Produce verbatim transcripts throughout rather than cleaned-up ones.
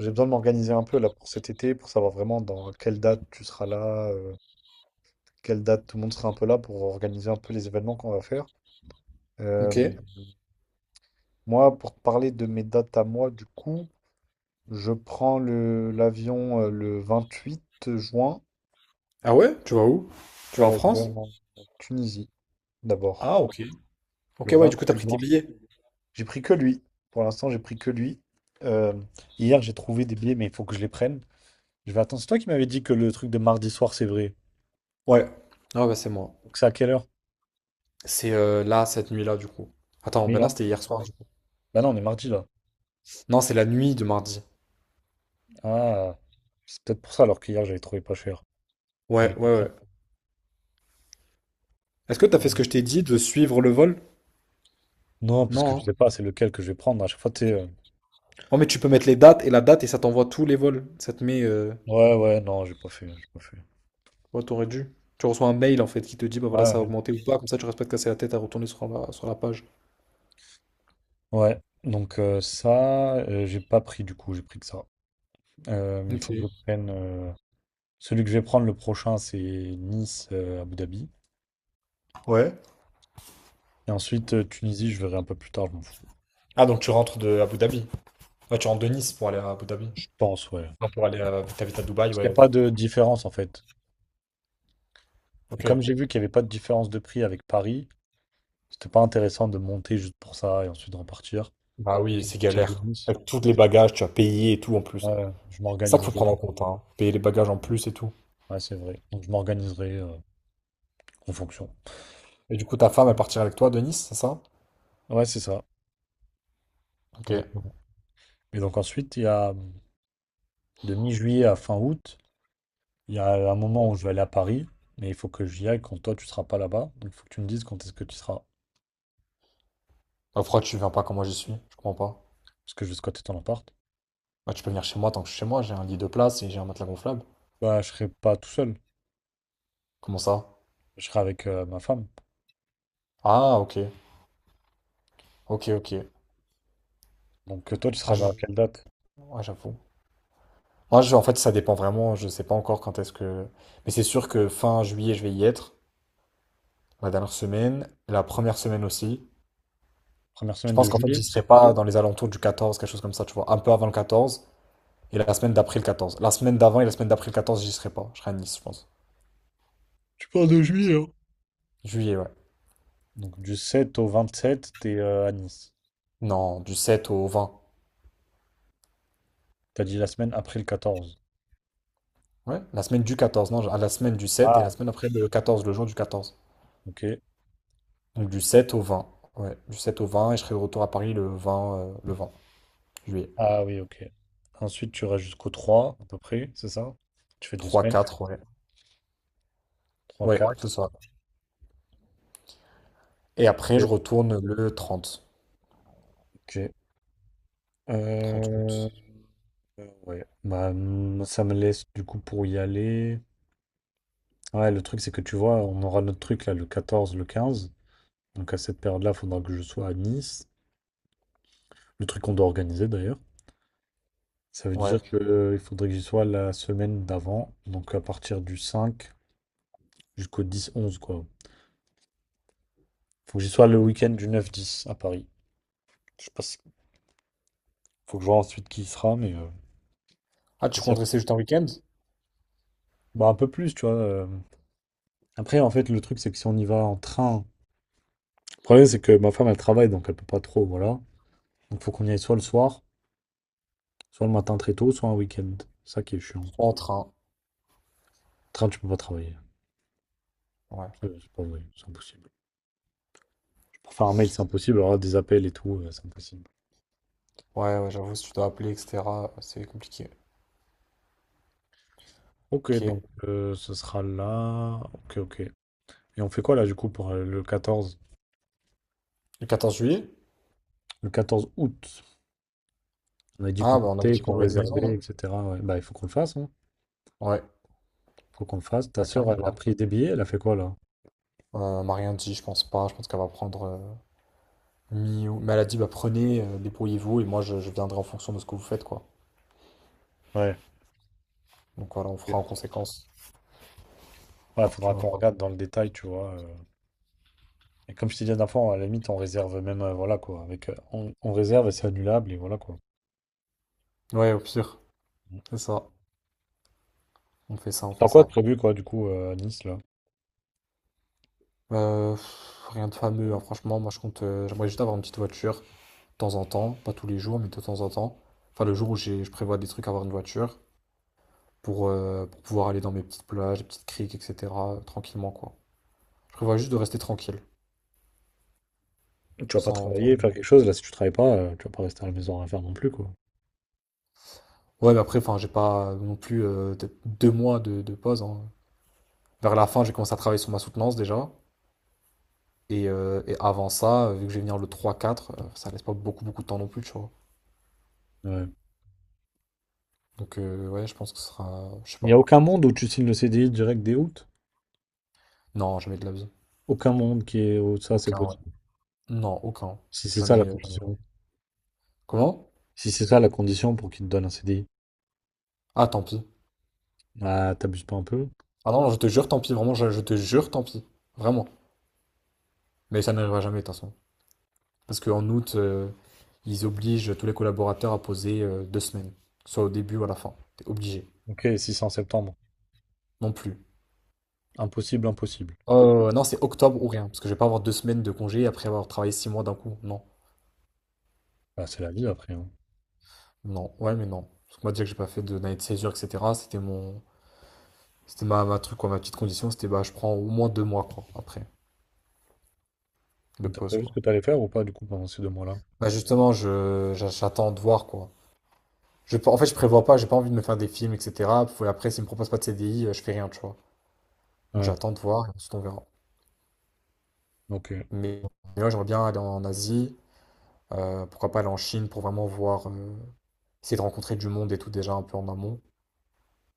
J'ai besoin de m'organiser un peu là pour cet été, pour savoir vraiment dans quelle date tu seras là, euh, quelle date tout le monde sera un peu là pour organiser un peu les événements qu'on va faire. Euh, Ok. Moi, pour te parler de mes dates à moi, du coup, je prends le l'avion euh, le vingt-huit juin, Ah ouais? Tu vas où? Tu vas en euh, je vais France? en Tunisie d'abord. Ah ok. Le Ok ouais, du coup t'as vingt-huit pris juin. tes billets. J'ai pris que lui. Pour l'instant, j'ai pris que lui. Euh, Hier, j'ai trouvé des billets, mais il faut que je les prenne. Je vais attendre. C'est toi qui m'avais dit que le truc de mardi soir, c'est vrai. Ouais. Ah ouais, bah c'est moi. Donc c'est à quelle heure? C'est euh, là, cette nuit-là du coup. Attends, bah non, Mais- c'était hier soir. Bah non, on est mardi là. Non, c'est la nuit de mardi. Ah, c'est peut-être pour ça alors qu'hier j'avais trouvé pas cher. Mais j'ai Ouais, pas ouais, pris. ouais. Est-ce que t'as fait ce Ouais. que je t'ai dit de suivre le vol? Non, parce que Non, je sais hein. pas c'est lequel que je vais prendre. À chaque fois, tu sais, euh, Oh mais tu peux mettre les dates et la date et ça t'envoie tous les vols. Ça te met. Euh... Ouais, ouais, non, j'ai pas fait, j'ai pas fait. Ouais, t'aurais dû. Tu reçois un mail en fait qui te dit bah voilà Ouais, ça a ouais. augmenté ou pas, comme ça tu restes pas de casser la tête à retourner sur la, sur la page. Ouais, donc euh, ça, euh, j'ai pas pris du coup, j'ai pris que ça. Euh, mais il Ok. faut que je prenne. euh, Celui que je vais prendre le prochain, c'est Nice, euh, Abu Dhabi. Ouais. Et ensuite, euh, Tunisie, je verrai un peu plus tard, je m'en fous. Ah donc tu rentres de Abu Dhabi. Ouais, tu rentres de Nice pour aller à Abu Dhabi. Je pense, ouais. Non, pour aller à... T'habites à Dubaï, Parce qu'il n'y a ouais. pas de différence en fait. Et Ok. comme j'ai vu qu'il n'y avait pas de différence de prix avec Paris, c'était pas intéressant de monter juste pour ça et ensuite de repartir. Bah Avec oui, une c'est culture de galère. business. Avec tous les bagages, tu as payé et tout en plus. Ouais, je C'est ça qu'il faut prendre m'organiserai. en compte, hein. Payer les bagages en plus et tout. Ouais, c'est vrai. Donc je m'organiserai euh, en fonction. Et du coup, ta femme, elle partira avec toi de Nice, c'est ça? Ouais, c'est ça. Ok. Exactement. Et donc ensuite, il y a de mi-juillet à fin août, il y a un moment où je vais aller à Paris, mais il faut que j'y aille quand toi tu seras pas là-bas. Donc il faut que tu me dises quand est-ce que tu seras. Bah, pourquoi tu viens pas quand moi j'y suis? Je comprends pas. Parce que je vais squatter ton appart. Bah, tu peux venir chez moi tant que je suis chez moi, j'ai un lit de place et j'ai un matelas gonflable. Bah, je serai pas tout seul. Comment ça? Je serai avec euh, ma femme. Ah, ok. Ok, ok. Donc euh, toi, tu Ah, seras je- dans quelle date? ouais, j'avoue. Moi, je- en fait, ça dépend vraiment. Je sais pas encore quand est-ce que. Mais c'est sûr que fin juillet, je vais y être. La dernière semaine, la première semaine aussi. Première Je semaine de pense qu'en fait, juillet? j'y serai pas dans les alentours du quatorze, quelque chose comme ça, tu vois, un peu avant le quatorze et la semaine d'après le quatorze. La semaine d'avant et la semaine d'après le quatorze, j'y serai pas. Je serai à Nice, je pense. Tu parles de juillet, hein? Juillet, ouais. Donc du sept au vingt-sept, t'es euh, à Nice. Non, du sept au vingt. T'as dit la semaine après le quatorze. Ouais, la semaine du quatorze, non, à la semaine du sept et la Ah, semaine après le quatorze, le jour du quatorze. ok. Donc du sept au vingt. Ouais, du sept au vingt et je serai de retour à Paris le vingt, euh, le vingt juillet. Ah oui, ok. Ensuite, tu iras jusqu'au trois à peu près, c'est ça? Tu fais deux Trois, semaines. quatre, ouais. Trois Ouais, c'est quatre. ça. Et après, je Ok. retourne le trente. Ok. Trente août. Euh, euh, ouais. Bah, mm, ça me laisse du coup pour y aller. Ouais, le truc, c'est que tu vois, on aura notre truc là le quatorze le quinze. Donc à cette période-là, il faudra que je sois à Nice. Le truc qu'on doit organiser d'ailleurs. Ça veut Ouais. dire que, euh, il faudrait que j'y sois la semaine d'avant. Donc à partir du cinq jusqu'au dix onze quoi. Faut que j'y sois le week-end du neuf dix à Paris. Je sais pas si. Faut que je vois ensuite qui y sera, mais euh, Ah, après, tu s'il y comptes a- rester juste un week-end? bah, un peu plus, tu vois. euh. Après, en fait, le truc, c'est que si on y va en train, le problème, c'est que ma femme, elle travaille, donc elle peut pas trop, voilà. Donc, faut qu'on y aille soit le soir, soit le matin très tôt, soit un week-end. C'est ça qui est chiant. En train. Train, tu peux pas travailler. Ouais. Euh, c'est pas vrai, c'est impossible. Pour faire un mail, c'est impossible. Alors là, des appels et tout, euh, c'est impossible. Ouais, ouais, j'avoue, si tu dois appeler, et cetera, c'est compliqué. Ok, Ok. donc euh, ce sera là. Ok, ok. Et on fait quoi là, du coup, pour euh, le quatorze, Le quatorze juillet? le quatorze août? On a dit Ah, qu'on bah on avait comptait, dit qu'on qu'on louait une maison, réservait, non? et cetera Ouais. Bah, il faut qu'on le fasse, hein. Ouais, Faut qu'on le fasse. Ta bah sœur, clairement, elle a bah. pris des billets, elle a fait quoi là? Euh, elle m'a rien dit, je pense pas. Je pense qu'elle va prendre euh, mi ou- mais elle a dit, bah prenez, euh, débrouillez-vous, et moi je, je viendrai en fonction de ce que vous faites, quoi. Ouais. Donc voilà, on fera en conséquence, Ouais, tu faudra vois. qu'on regarde dans le détail, tu vois. euh. Et comme je t'ai dit la dernière fois, à la limite, on réserve même, euh, voilà quoi. Avec, euh, on, on réserve et c'est annulable et voilà quoi. Ouais, au pire, c'est ça. On fait ça, on Et fait t'as quoi de ça. prévu quoi, du coup, euh, à Nice là? Euh, pff, rien de fameux, hein, Tu franchement, moi je compte. Euh, j'aimerais juste avoir une petite voiture, de temps en temps, pas tous les jours, mais de temps en temps. Enfin, le jour où j'ai, je prévois des trucs, avoir une voiture. pour, euh, pour pouvoir aller dans mes petites plages, petites criques, et cetera euh, Tranquillement, quoi. Je prévois juste de rester tranquille, vas pas sans travailler, trop- faire quelque chose. Là, si tu travailles pas, euh, tu vas pas rester à la maison à rien faire non plus, quoi. Ouais, mais après, enfin, j'ai pas euh, non plus euh, peut-être deux mois de, de pause, hein. Vers la fin, j'ai commencé à travailler sur ma soutenance déjà. Et, euh, et avant ça, euh, vu que je vais venir le trois quatre, euh, ça laisse pas beaucoup beaucoup de temps non plus, tu vois. Ouais. Donc euh, ouais, je pense que ce sera, je sais Il n'y pas. a aucun monde où tu signes le C D I direct dès août. Non, jamais de la vie. Aucun monde qui est où ça, c'est Aucun, ouais. possible. Non, aucun. Si c'est ça la Jamais, euh, jamais. condition. Comment? Si c'est ça la condition pour qu'il te donne un C D I. Ah, tant pis. Ah, t'abuses pas un peu. Ah non, je te jure, tant pis, vraiment, je, je te jure, tant pis. Vraiment. Mais ça n'arrivera jamais, de toute façon. Parce qu'en août, euh, ils obligent tous les collaborateurs à poser euh, deux semaines, que ce soit au début ou à la fin. T'es obligé, Ok, six en septembre. non plus. Impossible, impossible. Euh, non, c'est octobre ou rien, parce que je vais pas avoir deux semaines de congé après avoir travaillé six mois d'un coup. Non, Bah, c'est la vie après, hein. non, ouais, mais non. Parce que moi, déjà que j'ai pas fait de- d'année de césure, et cetera, c'était mon, c'était ma, ma truc, quoi, ma petite condition, c'était bah, je prends au moins deux mois, quoi, après, de Donc, t'as pause, prévu ce quoi. que t'allais faire ou pas du coup pendant ces deux mois-là? Bah, justement, je, j'a- j'attends de voir, quoi. Je, en fait, je prévois pas, j'ai pas envie de me faire des films, et cetera. Puis après, s'ils me proposent pas de C D I, euh, je fais rien, tu vois. Donc, Ouais, j'attends de voir, et ensuite on verra. donc euh, Mais là, j'aimerais bien aller en Asie, euh, pourquoi pas aller en Chine pour vraiment voir, euh, essayer de rencontrer du monde et tout déjà un peu en amont,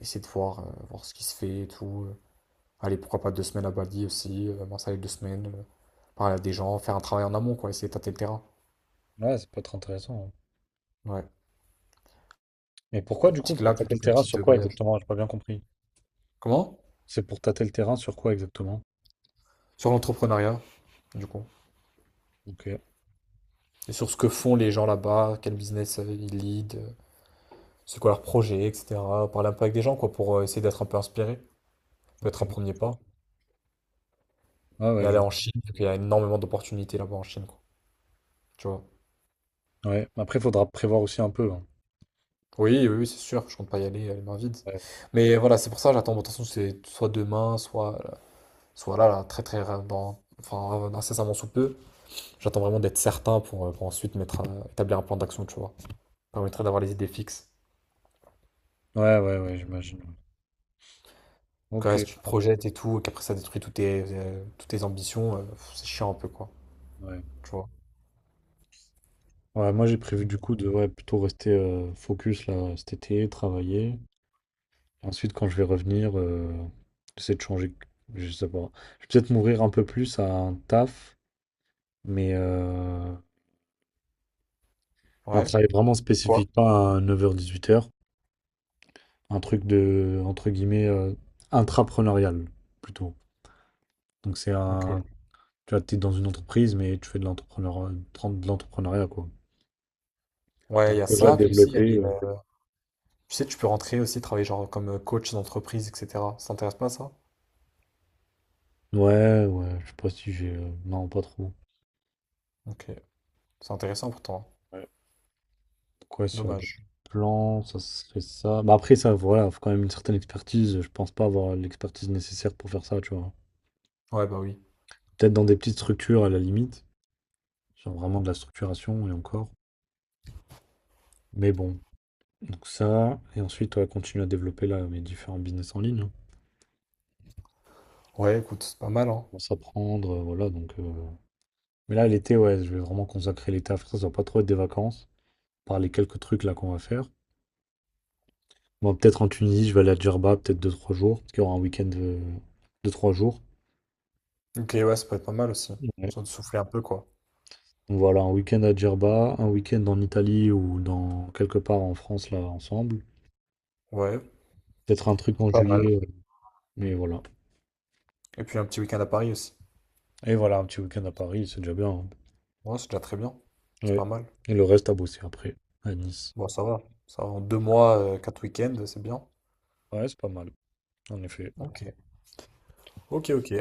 essayer de voir, euh, voir ce qui se fait et tout. Allez, pourquoi pas deux semaines à Bali aussi, euh, m'installer deux semaines, euh, parler à des gens, faire un travail en amont, quoi, essayer de tâter le terrain. ouais, c'est pas très intéressant, hein. Ouais, Mais pourquoi du coup? optique là Pour tâter plutôt le qu'une terrain petite sur de quoi voyage. exactement? J'ai pas bien compris. Comment? C'est pour tâter le terrain sur quoi exactement? Sur l'entrepreneuriat, du coup. Ok, Et sur ce que font les gens là-bas, quel business euh, ils lead, euh, c'est quoi leur projet, et cetera. Parler un peu avec des gens, quoi, pour euh, essayer d'être un peu inspiré. Peut-être un ok. premier pas. Ah Et ouais, je aller vois. en Chine, parce qu'il y a énormément d'opportunités là-bas en Chine, quoi. Tu vois. Ouais. Après, faudra prévoir aussi un peu, hein. Oui, oui, oui, c'est sûr, je compte pas y aller euh, les mains vides. Ouais, Mais voilà, c'est pour ça, j'attends. Bon, de toute façon, c'est soit demain, soit, soit là, là, très, très, ra- dans, enfin, euh, incessamment sous peu. J'attends vraiment d'être certain pour, euh, pour ensuite mettre, un- établir un plan d'action, tu vois. Ça permettrait d'avoir les idées fixes. ouais, ouais, ouais, j'imagine, ouais. Quand Ok, reste, tu te projettes et tout, et qu'après ça détruit toutes tes, euh, toutes tes ambitions, euh, pff, c'est chiant un peu, quoi. ouais. Tu vois. Ouais, moi j'ai prévu du coup de ouais, plutôt rester euh, focus là cet été, travailler. Ensuite, quand je vais revenir, euh, j'essaie de changer. Je sais pas. Je vais peut-être m'ouvrir un peu plus à un taf, mais euh, un Ouais. travail vraiment Quoi? spécifique, pas un neuf heures-dix-huit heures. Un truc de, entre guillemets, euh, intrapreneurial, plutôt. Donc, c'est Ok. un. Tu vois, t'es dans une entreprise, mais tu fais de l'entrepreneur, de l'entrepreneuriat, quoi. T'as Ouais, un il y a projet à ça, puis aussi, il y a développer. les, euh. euh, Tu sais, tu peux rentrer aussi, travailler genre comme euh, coach d'entreprise, et cetera. Ça t'intéresse pas ça? Ouais, ouais, je sais pas si j'ai. euh, Non, pas trop. Ok, c'est intéressant pourtant, hein. Ouais. Quoi sur le Dommage. plan, ça serait ça. Bah après ça, voilà, faut quand même une certaine expertise. Je pense pas avoir l'expertise nécessaire pour faire ça, tu vois. Ouais, bah oui. Peut-être dans des petites structures à la limite, genre vraiment de la structuration et encore. Mais bon, donc ça, et ensuite ouais, continuer à développer là mes différents business en ligne, hein. Ouais, écoute, c'est pas mal, hein. Bon, s'apprendre, euh, voilà, donc. euh, Mais là l'été, ouais, je vais vraiment consacrer l'été à faire ça. Ça va pas trop être des vacances, par les quelques trucs là qu'on va faire. Bon, peut-être en Tunisie, je vais aller à Djerba, peut-être deux trois jours, parce qu'il y aura un week-end de deux trois jours. Ok, ouais, ça peut être pas mal aussi. Ouais. Sans de souffler un peu, quoi. Donc voilà, un week-end à Djerba, un week-end en Italie ou dans quelque part en France là ensemble. Ouais, Peut-être un truc en pas mal. juillet, euh, mais voilà. Et puis un petit week-end à Paris aussi. Et voilà, un petit week-end à Paris, c'est déjà bien, hein. Ouais, c'est déjà très bien. C'est Ouais. pas mal. Et le reste à bosser après, à Nice. Bon, ça va. Ça va. En deux mois, euh, quatre week-ends, c'est bien. Ouais, c'est pas mal, en effet. Ok. Ok, ok.